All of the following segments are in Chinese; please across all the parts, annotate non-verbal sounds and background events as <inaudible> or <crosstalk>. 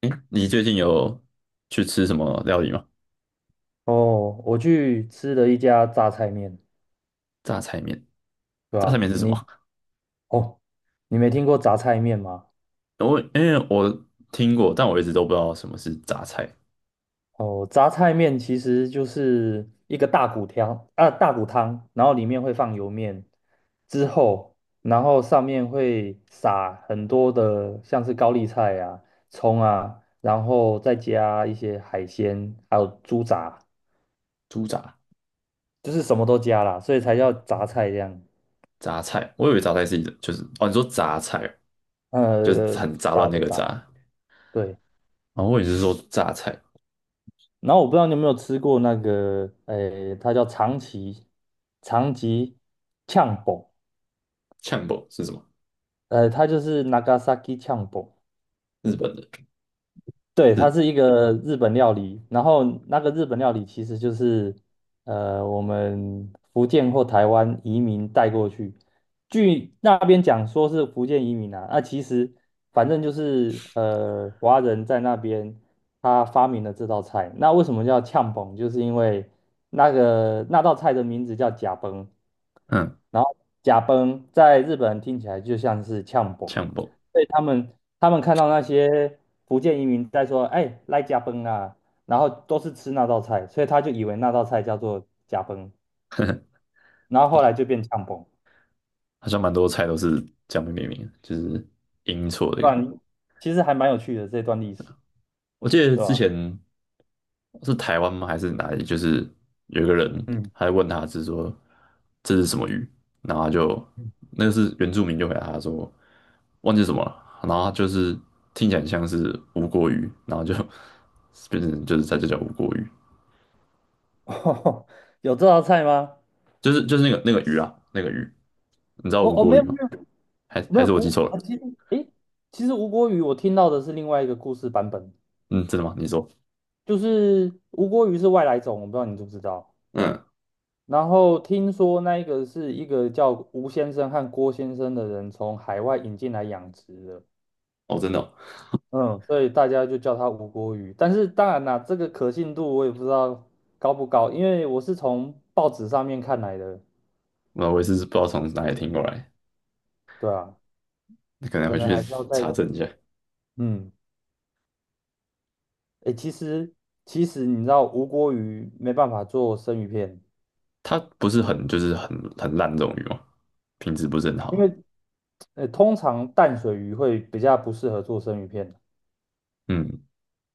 诶，你最近有去吃什么料理吗？哦，我去吃了一家榨菜面，榨菜面，对榨菜吧？面是什么？哦，你没听过榨菜面吗？因为我听过，但我一直都不知道什么是榨菜。哦，榨菜面其实就是一个大骨汤啊，大骨汤，然后里面会放油面，之后，然后上面会撒很多的像是高丽菜啊、葱啊，然后再加一些海鲜，还有猪杂，猪杂、就是什么都加啦，所以才叫榨菜这样。榨菜，我以为榨菜是一种，就是哦，你说榨菜呃，就是呃呃很杂乱炸那的个炸，杂，对。哦，后我也是说榨菜。然后我不知道你有没有吃过那个，诶，它叫长崎长崎呛煲，呛爆是什么？它就是 Nagasaki 呛煲，日本的，对，是它是一个日本料理，然后那个日本料理其实就是我们福建或台湾移民带过去，据那边讲说是福建移民啊，那其实反正就是华人在那边他发明了这道菜，那为什么叫呛崩？就是因为那道菜的名字叫甲崩，嗯，然后甲崩在日本人听起来就像是呛崩。呛爆。所以他们看到那些福建移民在说，哎，来加崩啊，然后都是吃那道菜，所以他就以为那道菜叫做加崩，然后后好，来就变呛崩，好像蛮多菜都是这样被命名的就是音错这对个。吧？其实还蛮有趣的这段历史，我记得对之吧？前是台湾吗？还是哪里？就是有一个人，嗯，还问他是说这是什么鱼，然后他就是原住民就回答他说忘记什么了，然后他就是听起来很像是无国鱼，然后就 <laughs> 变成就是在这叫无国鱼，嗯 <laughs> 有这道菜吗？就是那个鱼啊，那个鱼，你知道哦无哦，国没鱼有没吗？有还没还有是我记吴错了？啊，其实诶，吴郭鱼我听到的是另外一个故事版本，嗯，真的吗？你说，就是吴郭鱼是外来种，我不知道你知不知道。嗯，然后听说那一个是一个叫吴先生和郭先生的人从海外引进来养殖的，哦，真的哦，嗯，所以大家就叫它吴郭鱼。但是当然啦，这个可信度我也不知道高不高，因为我是从报纸上面看来的，那我也是不知道从哪里听过来，对啊，可能可回能去还是要再查证一下。嗯，诶，其实你知道吴郭鱼没办法做生鱼片，它不是很烂这种鱼吗？品质不是很因好。为通常淡水鱼会比较不适合做生鱼片。嗯，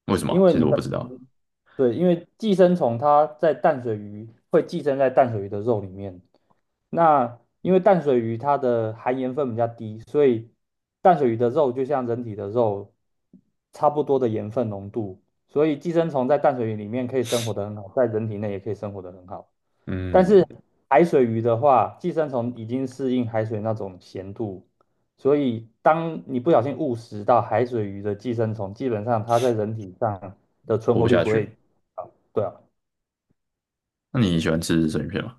为什因么？为其实你我不知的，道。对，因为寄生虫它在淡水鱼会寄生在淡水鱼的肉里面。那因为淡水鱼它的含盐分比较低，所以淡水鱼的肉就像人体的肉差不多的盐分浓度，所以寄生虫在淡水鱼里面可以生活得很好，在人体内也可以生活得很好。但是嗯，海水鱼的话，寄生虫已经适应海水那种咸度，所以当你不小心误食到海水鱼的寄生虫，基本上它在人体上的存活活不率下不去。会高。对啊，那你喜欢吃生鱼片吗？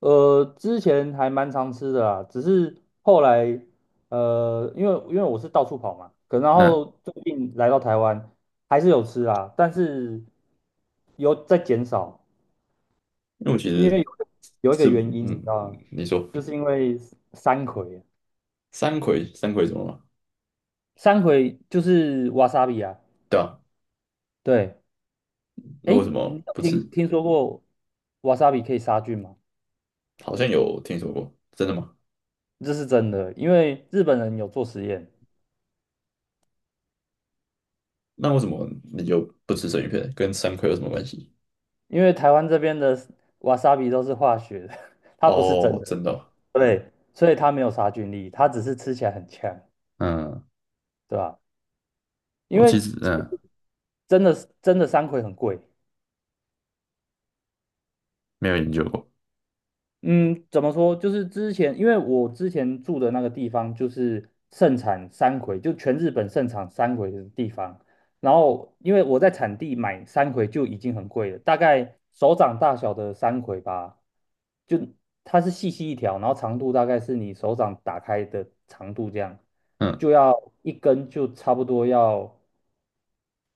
之前还蛮常吃的啦，只是后来因为我是到处跑嘛，然嗯，后最近来到台湾还是有吃啊，但是有在减少，因为我其因实为有一个吃，原因你嗯，知道吗？你说就是因为山葵。山葵，山葵怎么了？三葵就是瓦 a 比啊，对啊，对，那哎，为什你么有不吃？听说过瓦 a 比可以杀菌吗？好像有听说过，真的吗？这是真的，因为日本人有做实验，那为什么你就不吃生鱼片？跟山葵有什么关系？因为台湾这边的瓦 a 比都是化学的，<laughs> 它不是真哦，的，真的哦。对，所以它没有杀菌力，它只是吃起来很呛，嗯，对吧？因我其为实真的真的山葵很贵，没有研究过，嗯，怎么说？就是之前，因为我之前住的那个地方就是盛产山葵，就全日本盛产山葵的地方。然后，因为我在产地买山葵就已经很贵了，大概手掌大小的山葵吧，就它是细细一条，然后长度大概是你手掌打开的长度这样，嗯，就要一根就差不多要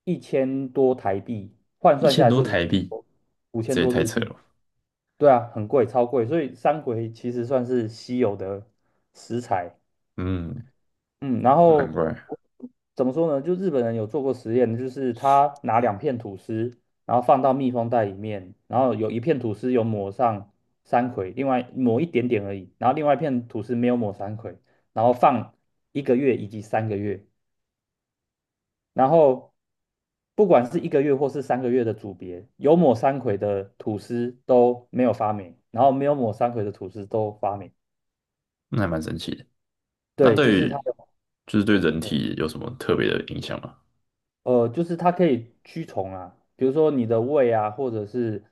1000多台币，换一算下千来多是台币，五千这也多太日扯了币。吧。对啊，很贵，超贵，所以山葵其实算是稀有的食材。嗯。嗯，然难后怪，怎么说呢？就日本人有做过实验，就是他拿2片吐司，然后放到密封袋里面，然后有一片吐司有抹上山葵，另外抹一点点而已，然后另外一片吐司没有抹山葵，然后放一个月以及三个月，然后不管是一个月或是三个月的组别，有抹山葵的吐司都没有发霉，然后没有抹山葵的吐司都发霉。那还蛮神奇的。那对，就对是它于的，就是对人体有什么特别的影响吗？就是它可以驱虫啊，比如说你的胃啊，或者是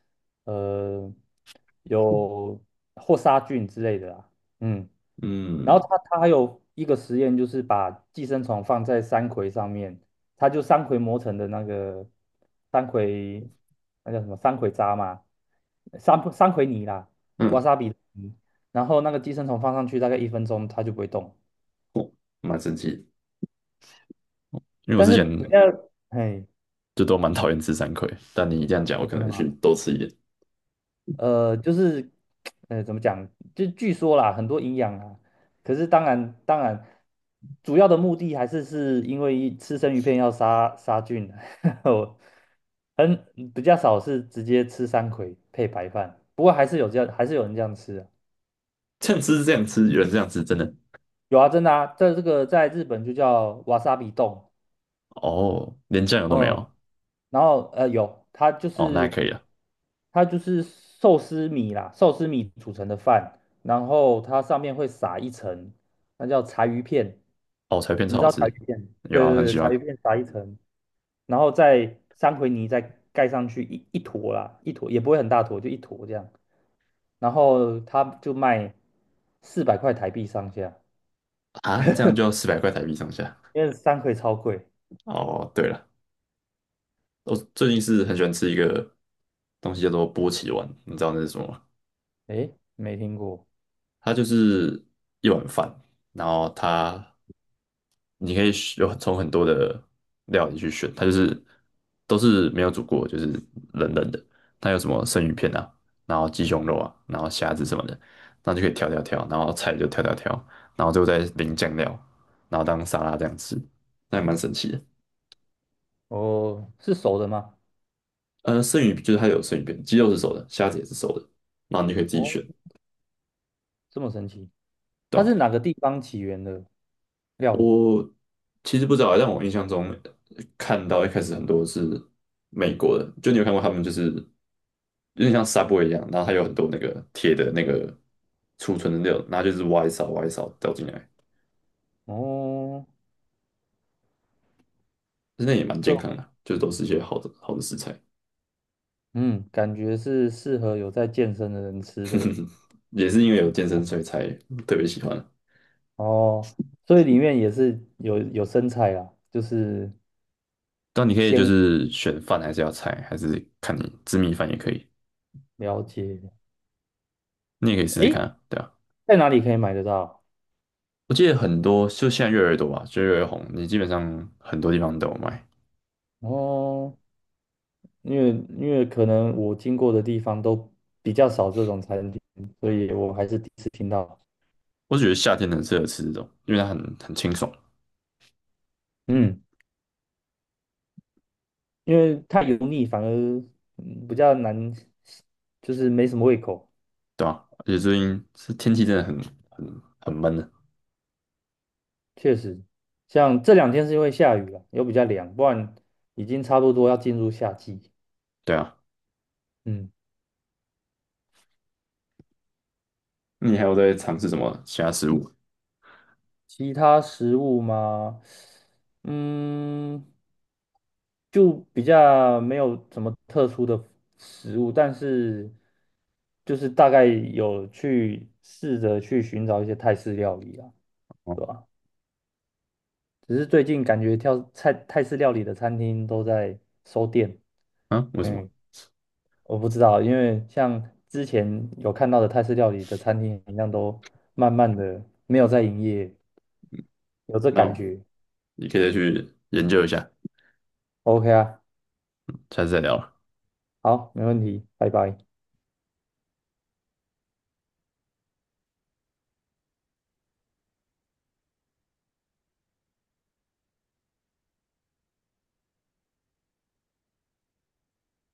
呃有或杀菌之类的啊，嗯。然嗯后他还有一个实验，就是把寄生虫放在山葵上面，他就山葵磨成的那个山葵，那叫什么山葵渣嘛，山葵泥啦瓦嗯，萨比泥。然后那个寄生虫放上去大概1分钟，它就不会动。蛮神奇的。因为我但之是前不要，嘿，就都蛮讨厌吃山葵，但你这样讲，我哦可真的能去吗？多吃一点。就是，怎么讲？就据说啦，很多营养啊。可是当然，当然，主要的目的还是是因为吃生鱼片要杀菌啊，<laughs> 我很比较少是直接吃山葵配白饭。不过还是有这样，还是有人这样吃啊。这样吃，这样吃，有人这样吃，真的有啊，真的啊，在这个在日本就叫瓦萨比冻，哦，连酱油都没嗯，有。然后有，哦，那还可以了。它就是寿司米啦，寿司米煮成的饭，然后它上面会撒一层，那叫柴鱼片，哦，柴片你超知好道柴吃，鱼片？有对啊，对很对，喜柴欢。鱼片撒一层，然后再三葵泥再盖上去一坨啦，一坨也不会很大坨，就一坨这样，然后它就卖400块台币上下，啊，这样就要400块台币上下。因为三葵超贵，哦，对了，我最近是很喜欢吃一个东西叫做波奇丸，你知道那是什么吗？诶，没听过它就是一碗饭，然后你可以选有从很多的料理去选，它就是都是没有煮过，就是冷冷的。它有什么生鱼片啊，然后鸡胸肉啊，然后虾子什么的，然后就可以挑挑挑，然后菜就挑挑挑，然后最后再淋酱料，然后当沙拉这样吃，那也蛮神奇的。哦，是熟的吗？生鱼就是它有生鱼片，鸡肉是熟的，虾子也是熟的，然后你就可以自己选，哦。这么神奇？对它吧？是哪个地方起源的料理？我其实不知道，但我印象中看到一开始很多是美国的，就你有看过他们就是有点像 Subway 一样，然后它有很多那个铁的那个储存的那种，然后就是挖一勺挖一勺倒进来，哦，那也蛮健就康的啊，就是都是一些好的好的食材，嗯，感觉是适合有在健身的人吃的也是因为有健身所以才特别喜欢啊。哦，所以里面也是有生菜啦，就是但你可以就先是选饭还是要菜，还是看你吃米饭也可以，了解。你也可以试试看诶，啊对啊。在哪里可以买得到？我记得很多，就现在越来越多吧，就越来越红，你基本上很多地方都有卖。哦，因为可能我经过的地方都比较少这种餐厅，所以我还是第一次听到。我只觉得夏天很适合吃这种，因为它很清爽，嗯，因为太油腻反而比较难，就是没什么胃口。对吧、而且最近是天气真的很闷的，确实，像这两天是因为下雨了，又比较凉，不然已经差不多要进入夏季。对啊。嗯，你还有在尝试什么其他食物？其他食物嘛，嗯，就比较没有什么特殊的食物，但是就是大概有去试着去寻找一些泰式料理啊，哦，对吧？只是最近感觉泰式料理的餐厅都在收店，啊，为什么？嗯。我不知道，因为像之前有看到的泰式料理的餐厅一样，都慢慢的没有在营业，有这那感我觉。你可以再去研究一下，OK 啊，下次再聊了。好，没问题，拜拜。